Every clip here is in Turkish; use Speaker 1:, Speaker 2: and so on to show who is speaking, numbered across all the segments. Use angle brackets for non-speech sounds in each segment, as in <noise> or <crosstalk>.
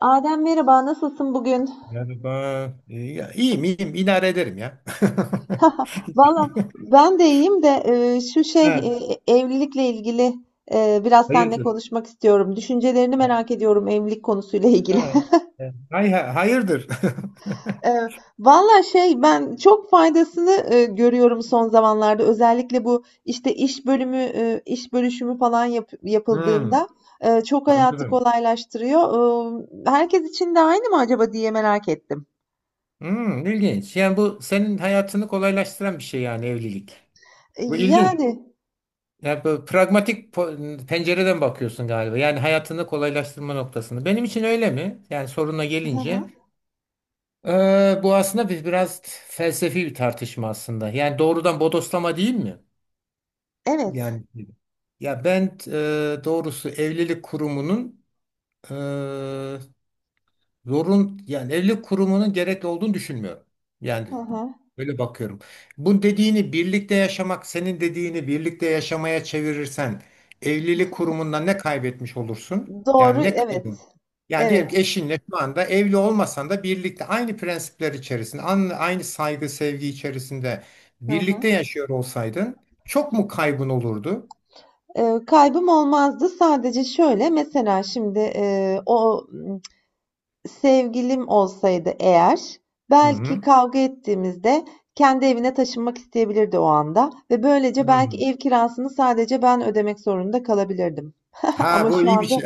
Speaker 1: Adem merhaba, nasılsın bugün?
Speaker 2: Merhaba. İyiyim. İdare ederim ya.
Speaker 1: <laughs> Valla
Speaker 2: <laughs>
Speaker 1: ben de iyiyim de şu
Speaker 2: Ha,
Speaker 1: evlilikle ilgili biraz seninle
Speaker 2: hayırdır?
Speaker 1: konuşmak istiyorum. Düşüncelerini
Speaker 2: Ha,
Speaker 1: merak ediyorum evlilik konusuyla ilgili.
Speaker 2: ha.
Speaker 1: <laughs>
Speaker 2: Hayırdır? <laughs>
Speaker 1: E, Valla ben çok faydasını görüyorum son zamanlarda. Özellikle bu işte iş bölümü, iş bölüşümü falan
Speaker 2: Hmm,
Speaker 1: yapıldığında çok hayatı
Speaker 2: anladım.
Speaker 1: kolaylaştırıyor. Herkes için de aynı mı acaba diye merak ettim.
Speaker 2: Hmm, ilginç. Yani bu senin hayatını kolaylaştıran bir şey yani evlilik. Bu ilginç.
Speaker 1: Yani,
Speaker 2: Yani bu pencereden bakıyorsun galiba. Yani hayatını kolaylaştırma noktasını. Benim için öyle mi? Yani soruna
Speaker 1: hı
Speaker 2: gelince.
Speaker 1: hı,
Speaker 2: Bu aslında biraz felsefi bir tartışma aslında. Yani doğrudan bodoslama değil mi?
Speaker 1: evet.
Speaker 2: Yani ya ben e, doğrusu e, evlilik kurumunun gerekli olduğunu düşünmüyorum.
Speaker 1: Hı
Speaker 2: Yani
Speaker 1: hı.
Speaker 2: böyle bakıyorum. Bu dediğini birlikte yaşamak, senin dediğini birlikte yaşamaya çevirirsen evlilik kurumundan ne kaybetmiş olursun?
Speaker 1: Doğru,
Speaker 2: Yani ne
Speaker 1: evet.
Speaker 2: kaybın? Yani
Speaker 1: Evet.
Speaker 2: diyelim ki eşinle şu anda evli olmasan da birlikte aynı prensipler içerisinde, aynı saygı, sevgi içerisinde
Speaker 1: Hı hı.
Speaker 2: birlikte yaşıyor olsaydın çok mu kaybın olurdu?
Speaker 1: Kaybım olmazdı. Sadece şöyle, mesela şimdi sevgilim olsaydı eğer,
Speaker 2: Hı
Speaker 1: belki
Speaker 2: hı.
Speaker 1: kavga ettiğimizde kendi evine taşınmak isteyebilirdi o anda ve böylece belki
Speaker 2: Hı.
Speaker 1: ev kirasını sadece ben ödemek zorunda kalabilirdim. <laughs>
Speaker 2: Ha
Speaker 1: Ama
Speaker 2: bu
Speaker 1: şu
Speaker 2: iyi bir
Speaker 1: anda
Speaker 2: şey.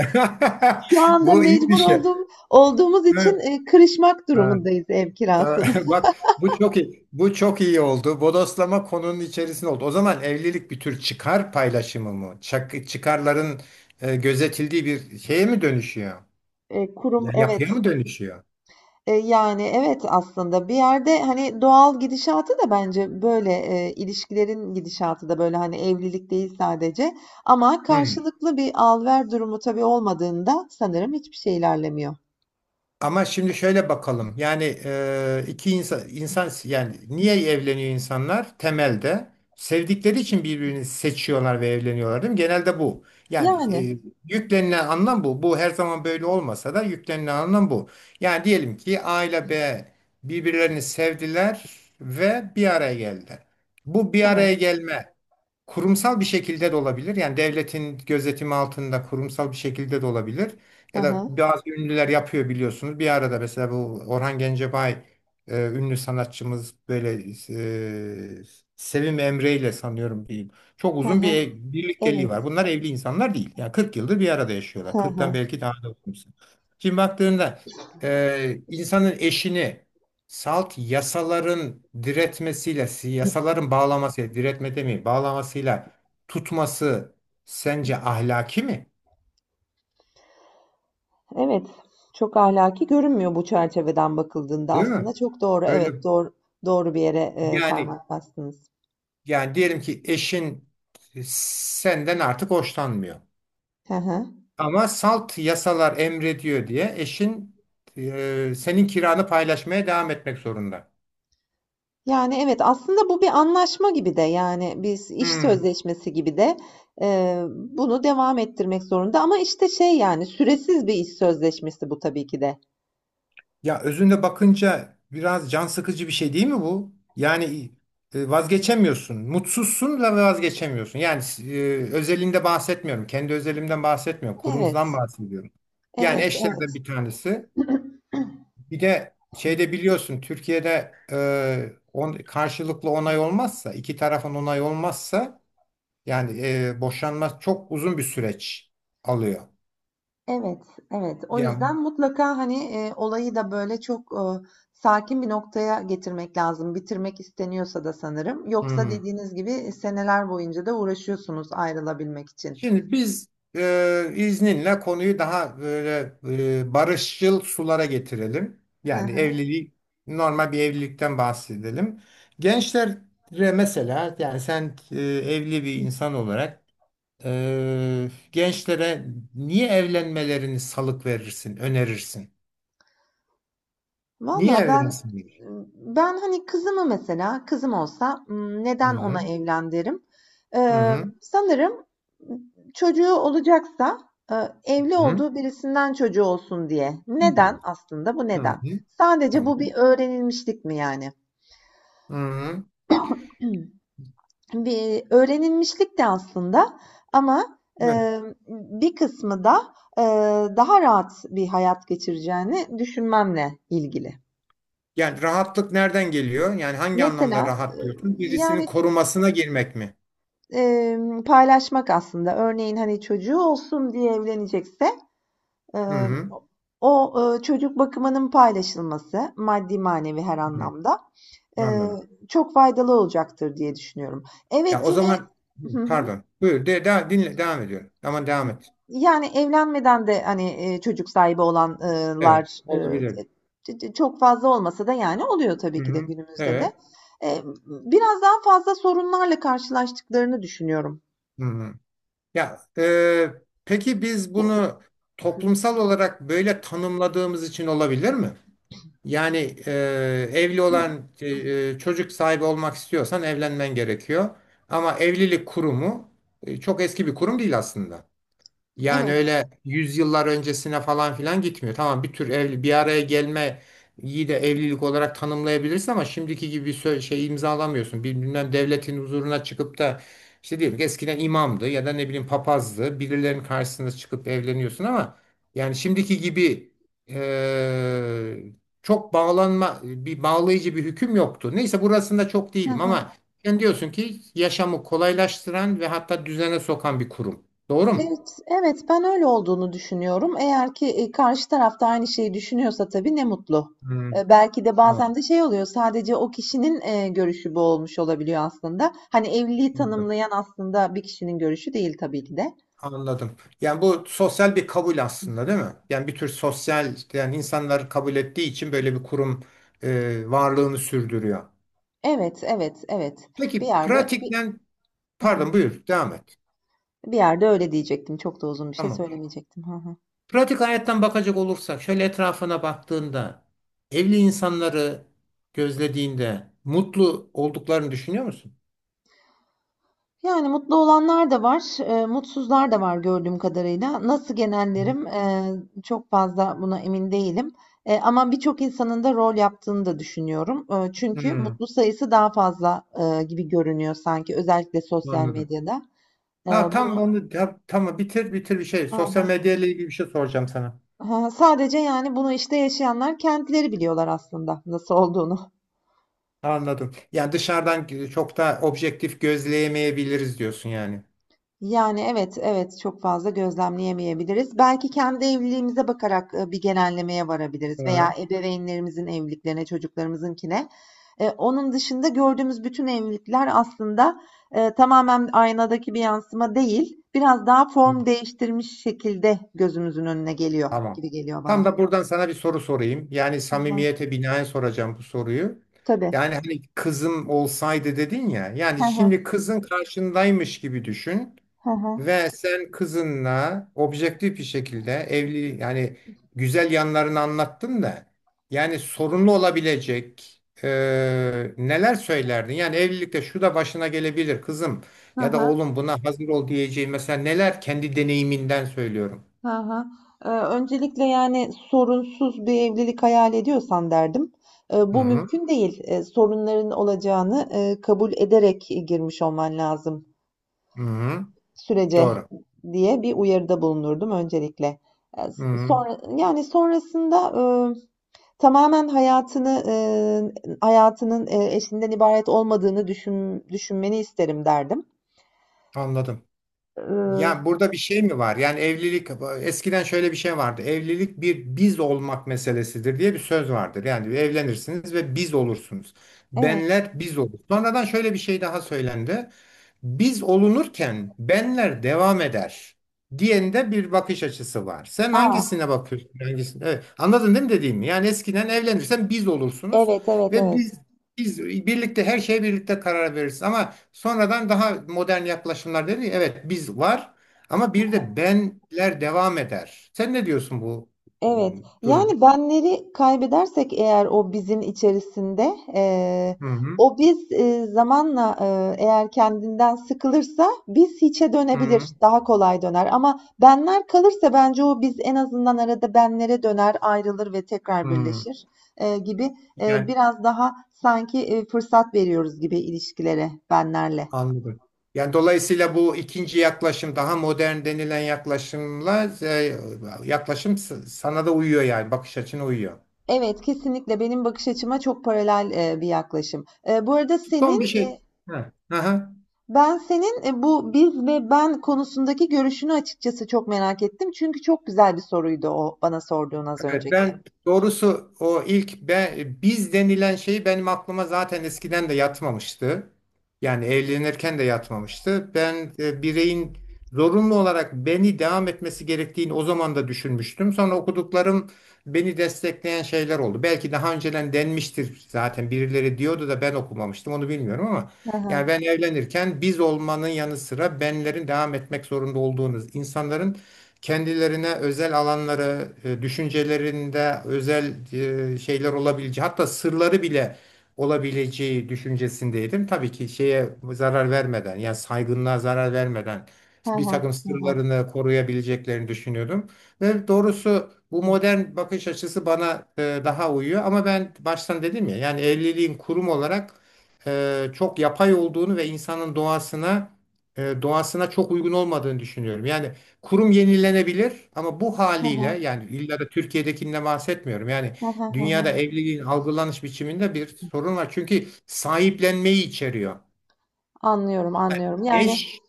Speaker 1: şu
Speaker 2: <laughs>
Speaker 1: anda
Speaker 2: Bu iyi bir
Speaker 1: mecbur
Speaker 2: şey.
Speaker 1: olduğumuz için
Speaker 2: Ha,
Speaker 1: kırışmak
Speaker 2: ha,
Speaker 1: durumundayız ev
Speaker 2: tamam.
Speaker 1: kirasını.
Speaker 2: <laughs> Bak bu çok iyi. Bu çok iyi oldu. Bodoslama konunun içerisinde oldu. O zaman evlilik bir tür çıkar paylaşımı mı? Çıkarların gözetildiği bir şeye mi dönüşüyor?
Speaker 1: Kurum,
Speaker 2: Yapıya
Speaker 1: evet.
Speaker 2: mı dönüşüyor?
Speaker 1: Yani evet aslında bir yerde hani doğal gidişatı da bence böyle ilişkilerin gidişatı da böyle hani evlilik değil sadece ama
Speaker 2: Hı.
Speaker 1: karşılıklı bir al ver durumu tabii olmadığında sanırım hiçbir şey ilerlemiyor.
Speaker 2: Ama şimdi şöyle bakalım. Yani iki insan yani niye evleniyor insanlar? Temelde sevdikleri için birbirini seçiyorlar ve evleniyorlar değil mi? Genelde bu. Yani
Speaker 1: Yani
Speaker 2: e, yüklenilen anlam bu. Bu her zaman böyle olmasa da yüklenilen anlam bu. Yani diyelim ki A ile B birbirlerini sevdiler ve bir araya geldiler. Bu bir
Speaker 1: evet.
Speaker 2: araya gelme kurumsal bir şekilde de olabilir. Yani devletin gözetimi altında kurumsal bir şekilde de olabilir.
Speaker 1: Hı
Speaker 2: Ya da
Speaker 1: hı.
Speaker 2: bazı ünlüler yapıyor biliyorsunuz. Bir arada mesela bu Orhan Gencebay ünlü sanatçımız böyle e, Sevim Emre ile sanıyorum diyeyim. Çok
Speaker 1: Hı
Speaker 2: uzun
Speaker 1: hı.
Speaker 2: birlikteliği var.
Speaker 1: Evet.
Speaker 2: Bunlar evli insanlar değil. Yani 40 yıldır bir arada yaşıyorlar.
Speaker 1: Hı
Speaker 2: 40'tan
Speaker 1: hı.
Speaker 2: belki daha da uzun. Şimdi baktığında insanın eşini salt yasaların diretmesiyle, yasaların bağlamasıyla, diretme demeyeyim, bağlamasıyla tutması sence ahlaki mi?
Speaker 1: Evet. Çok ahlaki görünmüyor bu çerçeveden bakıldığında,
Speaker 2: Değil mi?
Speaker 1: aslında çok doğru.
Speaker 2: Böyle
Speaker 1: Evet, doğru, doğru bir yere
Speaker 2: yani
Speaker 1: parmak bastınız.
Speaker 2: Yani diyelim ki eşin senden artık hoşlanmıyor.
Speaker 1: Hı hı.
Speaker 2: Ama salt yasalar emrediyor diye eşin senin kiranı paylaşmaya devam etmek zorunda.
Speaker 1: Yani evet aslında bu bir anlaşma gibi de, yani biz iş
Speaker 2: Hmm.
Speaker 1: sözleşmesi gibi de bunu devam ettirmek zorunda, ama işte şey yani süresiz bir iş sözleşmesi bu tabii ki de.
Speaker 2: Ya özünde bakınca biraz can sıkıcı bir şey değil mi bu? Yani vazgeçemiyorsun. Mutsuzsun ve vazgeçemiyorsun. Yani özelinde bahsetmiyorum. Kendi özelimden bahsetmiyorum. Kurumdan
Speaker 1: Evet,
Speaker 2: bahsediyorum. Yani
Speaker 1: evet,
Speaker 2: eşlerden
Speaker 1: evet.
Speaker 2: bir tanesi. Bir de şeyde biliyorsun Türkiye'de karşılıklı onay olmazsa, iki tarafın onay olmazsa yani boşanma çok uzun bir süreç alıyor.
Speaker 1: Evet, evet. O
Speaker 2: Yani
Speaker 1: yüzden mutlaka hani olayı da böyle çok sakin bir noktaya getirmek lazım. Bitirmek isteniyorsa da sanırım. Yoksa
Speaker 2: hmm.
Speaker 1: dediğiniz gibi seneler boyunca da uğraşıyorsunuz ayrılabilmek için.
Speaker 2: Şimdi biz izninle konuyu daha böyle barışçıl sulara getirelim. Yani
Speaker 1: <laughs>
Speaker 2: evliliği normal bir evlilikten bahsedelim. Gençlere mesela yani sen evli bir insan olarak gençlere niye evlenmelerini salık verirsin, önerirsin? Niye
Speaker 1: Valla ben
Speaker 2: evlensinler?
Speaker 1: ben, hani, kızımı mesela kızım olsa, neden
Speaker 2: Hı
Speaker 1: ona evlen derim?
Speaker 2: hı, hı
Speaker 1: Sanırım çocuğu olacaksa, evli
Speaker 2: hı,
Speaker 1: olduğu birisinden çocuğu olsun diye.
Speaker 2: hı hı.
Speaker 1: Neden aslında? Bu
Speaker 2: Hı
Speaker 1: neden?
Speaker 2: hı.
Speaker 1: Sadece
Speaker 2: Tamam.
Speaker 1: bu bir öğrenilmişlik mi yani?
Speaker 2: Hı
Speaker 1: <clears throat> Bir öğrenilmişlik de aslında, ama,
Speaker 2: hı.
Speaker 1: bir kısmı da, daha rahat bir hayat geçireceğini düşünmemle ilgili.
Speaker 2: Yani rahatlık nereden geliyor? Yani hangi anlamda
Speaker 1: Mesela,
Speaker 2: rahat diyorsun? Birisinin
Speaker 1: yani
Speaker 2: korumasına girmek mi?
Speaker 1: Paylaşmak aslında. Örneğin, hani, çocuğu olsun diye evlenecekse,
Speaker 2: Hı
Speaker 1: emm,
Speaker 2: hı.
Speaker 1: çocuk bakımının paylaşılması, maddi manevi her
Speaker 2: Hı hı.
Speaker 1: anlamda, eee,
Speaker 2: Anladım.
Speaker 1: çok faydalı olacaktır diye düşünüyorum.
Speaker 2: Ya
Speaker 1: Evet,
Speaker 2: o
Speaker 1: yine
Speaker 2: zaman hı,
Speaker 1: hı hı.
Speaker 2: pardon. Buyur. Dinle. Devam ediyorum. Ama devam et.
Speaker 1: Yani, evlenmeden de, hani, çocuk sahibi
Speaker 2: Evet.
Speaker 1: olanlar,
Speaker 2: Olabilir.
Speaker 1: çok fazla olmasa da, yani, oluyor tabii
Speaker 2: Hı
Speaker 1: ki de
Speaker 2: hı.
Speaker 1: günümüzde de.
Speaker 2: Evet.
Speaker 1: Biraz daha fazla sorunlarla karşılaştıklarını düşünüyorum.
Speaker 2: Hı hı. Ya peki biz bunu toplumsal olarak böyle tanımladığımız için olabilir mi? Yani e, evli çocuk sahibi olmak istiyorsan evlenmen gerekiyor. Ama evlilik kurumu çok eski bir kurum değil aslında. Yani
Speaker 1: Evet.
Speaker 2: öyle yüzyıllar öncesine falan filan gitmiyor. Tamam bir tür evli, bir araya gelme iyi de evlilik olarak tanımlayabilirsin ama şimdiki gibi şey imzalamıyorsun. Bilmem devletin huzuruna çıkıp da işte diyelim ki eskiden imamdı ya da ne bileyim papazdı. Birilerinin karşısına çıkıp evleniyorsun ama yani şimdiki gibi eee, çok bağlanma bir bağlayıcı bir hüküm yoktu. Neyse burasında çok
Speaker 1: Hı
Speaker 2: değilim
Speaker 1: hı.
Speaker 2: ama sen diyorsun ki yaşamı kolaylaştıran ve hatta düzene sokan bir kurum. Doğru mu?
Speaker 1: Evet, evet, ben öyle olduğunu düşünüyorum. Eğer ki, karşı taraf da aynı şeyi düşünüyorsa tabii ne mutlu.
Speaker 2: Hmm,
Speaker 1: Belki de bazen
Speaker 2: tamam,
Speaker 1: de şey oluyor, sadece o kişinin, görüşü bu olmuş olabiliyor aslında. Hani, evliliği
Speaker 2: anladım.
Speaker 1: tanımlayan aslında bir kişinin görüşü değil tabii ki de.
Speaker 2: Anladım. Yani bu sosyal bir kabul
Speaker 1: Hı
Speaker 2: aslında
Speaker 1: hı.
Speaker 2: değil mi? Yani bir tür sosyal, yani insanlar kabul ettiği için böyle bir kurum varlığını sürdürüyor.
Speaker 1: Evet, evet, evet. Bir
Speaker 2: Peki
Speaker 1: yerde bir
Speaker 2: pratikten,
Speaker 1: hı hı.
Speaker 2: pardon buyur, devam et.
Speaker 1: Bir yerde öyle diyecektim. Çok da uzun bir şey
Speaker 2: Tamam.
Speaker 1: söylemeyecektim. Hı hı.
Speaker 2: Pratik hayattan bakacak olursak, şöyle etrafına baktığında, evli insanları gözlediğinde mutlu olduklarını düşünüyor musun?
Speaker 1: Yani, mutlu olanlar da var, mutsuzlar da var gördüğüm kadarıyla. Nasıl genellerim, çok fazla buna emin değilim, ama birçok insanın da rol yaptığını da düşünüyorum. Çünkü
Speaker 2: Hmm,
Speaker 1: mutlu sayısı daha fazla, gibi görünüyor sanki, özellikle sosyal
Speaker 2: anladım.
Speaker 1: medyada. Eee,
Speaker 2: Ha
Speaker 1: bunu
Speaker 2: tamam bitir bir şey.
Speaker 1: hı
Speaker 2: Sosyal
Speaker 1: hı.
Speaker 2: medya ile ilgili bir şey soracağım sana.
Speaker 1: Sadece, yani, bunu, işte, yaşayanlar kendileri biliyorlar aslında nasıl olduğunu.
Speaker 2: Anladım. Yani dışarıdan çok da objektif gözleyemeyebiliriz diyorsun yani.
Speaker 1: Yani, evet, evet, çok fazla gözlemleyemeyebiliriz. Belki kendi evliliğimize bakarak, bir genellemeye varabiliriz veya
Speaker 2: Hı.
Speaker 1: ebeveynlerimizin evliliklerine, çocuklarımızınkine. Onun dışında gördüğümüz bütün evlilikler aslında, tamamen aynadaki bir yansıma değil, biraz daha form değiştirmiş şekilde gözümüzün önüne geliyor
Speaker 2: Tamam.
Speaker 1: gibi geliyor bana.
Speaker 2: Tam da buradan sana bir soru sorayım. Yani
Speaker 1: Hı hı.
Speaker 2: samimiyete binaen soracağım bu soruyu.
Speaker 1: Tabii.
Speaker 2: Yani hani kızım olsaydı dedin ya.
Speaker 1: He
Speaker 2: Yani şimdi
Speaker 1: he.
Speaker 2: kızın karşındaymış gibi düşün.
Speaker 1: He he.
Speaker 2: Ve sen kızınla objektif bir şekilde evli yani güzel yanlarını anlattın da yani sorunlu olabilecek neler söylerdin? Yani evlilikte şu da başına gelebilir kızım
Speaker 1: Hı
Speaker 2: ya da
Speaker 1: hı.
Speaker 2: oğlum buna hazır ol diyeceğin mesela neler kendi deneyiminden söylüyorum.
Speaker 1: Hı hı. Öncelikle yani sorunsuz bir evlilik hayal ediyorsan derdim.
Speaker 2: Hı
Speaker 1: Bu
Speaker 2: hı,
Speaker 1: mümkün değil. Sorunların olacağını kabul ederek girmiş olman lazım
Speaker 2: hı hı,
Speaker 1: sürece,
Speaker 2: doğru.
Speaker 1: diye bir uyarıda bulunurdum öncelikle.
Speaker 2: Hı hı,
Speaker 1: Sonra yani sonrasında e, tamamen hayatının eşinden ibaret olmadığını düşünmeni isterim derdim.
Speaker 2: anladım. Ya
Speaker 1: Ee,
Speaker 2: burada bir şey mi var? Yani evlilik eskiden şöyle bir şey vardı. Evlilik bir biz olmak meselesidir diye bir söz vardır. Yani evlenirsiniz ve biz olursunuz.
Speaker 1: evet.
Speaker 2: Benler biz olur. Sonradan şöyle bir şey daha söylendi. Biz olunurken benler devam eder diyende bir bakış açısı var. Sen hangisine
Speaker 1: Aa,
Speaker 2: bakıyorsun? Hangisine? Evet. Anladın değil mi dediğimi? Yani eskiden evlenirsen biz olursunuz
Speaker 1: evet, evet,
Speaker 2: ve
Speaker 1: evet.
Speaker 2: biz biz birlikte her şeye birlikte karar veririz ama sonradan daha modern yaklaşımlar dedi. Evet biz var ama bir de benler devam eder. Sen ne diyorsun bu e,
Speaker 1: Evet,
Speaker 2: durum?
Speaker 1: yani benleri kaybedersek eğer o bizim içerisinde,
Speaker 2: Hı hı,
Speaker 1: o biz, zamanla, eğer kendinden sıkılırsa biz hiçe
Speaker 2: hı
Speaker 1: dönebilir, daha kolay döner. Ama benler kalırsa bence o biz en azından arada benlere döner, ayrılır ve tekrar
Speaker 2: hı.
Speaker 1: birleşir, gibi,
Speaker 2: Yani
Speaker 1: biraz daha sanki fırsat veriyoruz gibi ilişkilere benlerle.
Speaker 2: anladım. Yani dolayısıyla bu ikinci yaklaşım daha modern denilen yaklaşımla sana da uyuyor yani bakış açına uyuyor.
Speaker 1: Evet, kesinlikle benim bakış açıma çok paralel bir yaklaşım. Bu arada
Speaker 2: Son bir
Speaker 1: senin
Speaker 2: şey. Hı. Aha.
Speaker 1: ben senin bu biz ve ben konusundaki görüşünü açıkçası çok merak ettim. Çünkü çok güzel bir soruydu o bana sorduğun, az
Speaker 2: Evet
Speaker 1: önceki.
Speaker 2: ben doğrusu biz denilen şeyi benim aklıma zaten eskiden de yatmamıştı. Yani evlenirken de yatmamıştı. Ben bireyin zorunlu olarak beni devam etmesi gerektiğini o zaman da düşünmüştüm. Sonra okuduklarım beni destekleyen şeyler oldu. Belki daha önceden denmiştir zaten birileri diyordu da ben okumamıştım onu bilmiyorum ama
Speaker 1: Hı
Speaker 2: yani
Speaker 1: hı,
Speaker 2: ben evlenirken biz olmanın yanı sıra benlerin devam etmek zorunda olduğunuz insanların kendilerine özel alanları, düşüncelerinde özel şeyler olabileceği, hatta sırları bile olabileceği düşüncesindeydim. Tabii ki şeye zarar vermeden, yani saygınlığa zarar vermeden
Speaker 1: hı
Speaker 2: bir
Speaker 1: hı,
Speaker 2: takım
Speaker 1: hı hı,
Speaker 2: sırlarını koruyabileceklerini düşünüyordum. Ve doğrusu bu modern bakış açısı bana daha uyuyor. Ama ben baştan dedim ya, yani evliliğin kurum olarak çok yapay olduğunu ve insanın doğasına çok uygun olmadığını düşünüyorum. Yani kurum yenilenebilir ama bu
Speaker 1: hı
Speaker 2: haliyle
Speaker 1: hı,
Speaker 2: yani illa da Türkiye'dekinden bahsetmiyorum. Yani
Speaker 1: hı hı, hı
Speaker 2: dünyada
Speaker 1: hı.
Speaker 2: evliliğin algılanış biçiminde bir sorun var. Çünkü sahiplenmeyi içeriyor.
Speaker 1: Anlıyorum, anlıyorum. Yani
Speaker 2: Eş,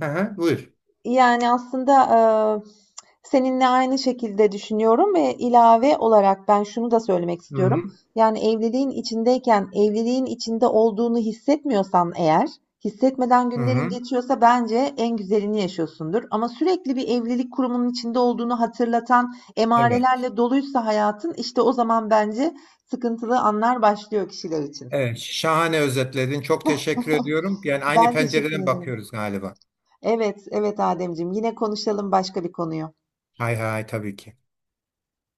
Speaker 2: hı hı, buyur.
Speaker 1: yani, aslında, eee, seninle aynı şekilde düşünüyorum ve ilave olarak ben şunu da söylemek
Speaker 2: Hı
Speaker 1: istiyorum.
Speaker 2: hı,
Speaker 1: Yani, evliliğin içindeyken, evliliğin içinde olduğunu hissetmiyorsan eğer, hissetmeden
Speaker 2: hı
Speaker 1: günlerin
Speaker 2: hı.
Speaker 1: geçiyorsa, bence en güzelini yaşıyorsundur. Ama sürekli bir evlilik kurumunun içinde olduğunu hatırlatan
Speaker 2: Evet.
Speaker 1: emarelerle doluysa hayatın, işte o zaman bence sıkıntılı anlar başlıyor kişiler için.
Speaker 2: Evet, şahane özetledin. Çok teşekkür ediyorum. Yani
Speaker 1: <laughs>
Speaker 2: aynı
Speaker 1: Ben teşekkür
Speaker 2: pencereden
Speaker 1: ederim.
Speaker 2: bakıyoruz galiba.
Speaker 1: Evet, evet Ademciğim, yine konuşalım başka bir konuyu.
Speaker 2: Hay hay tabii ki.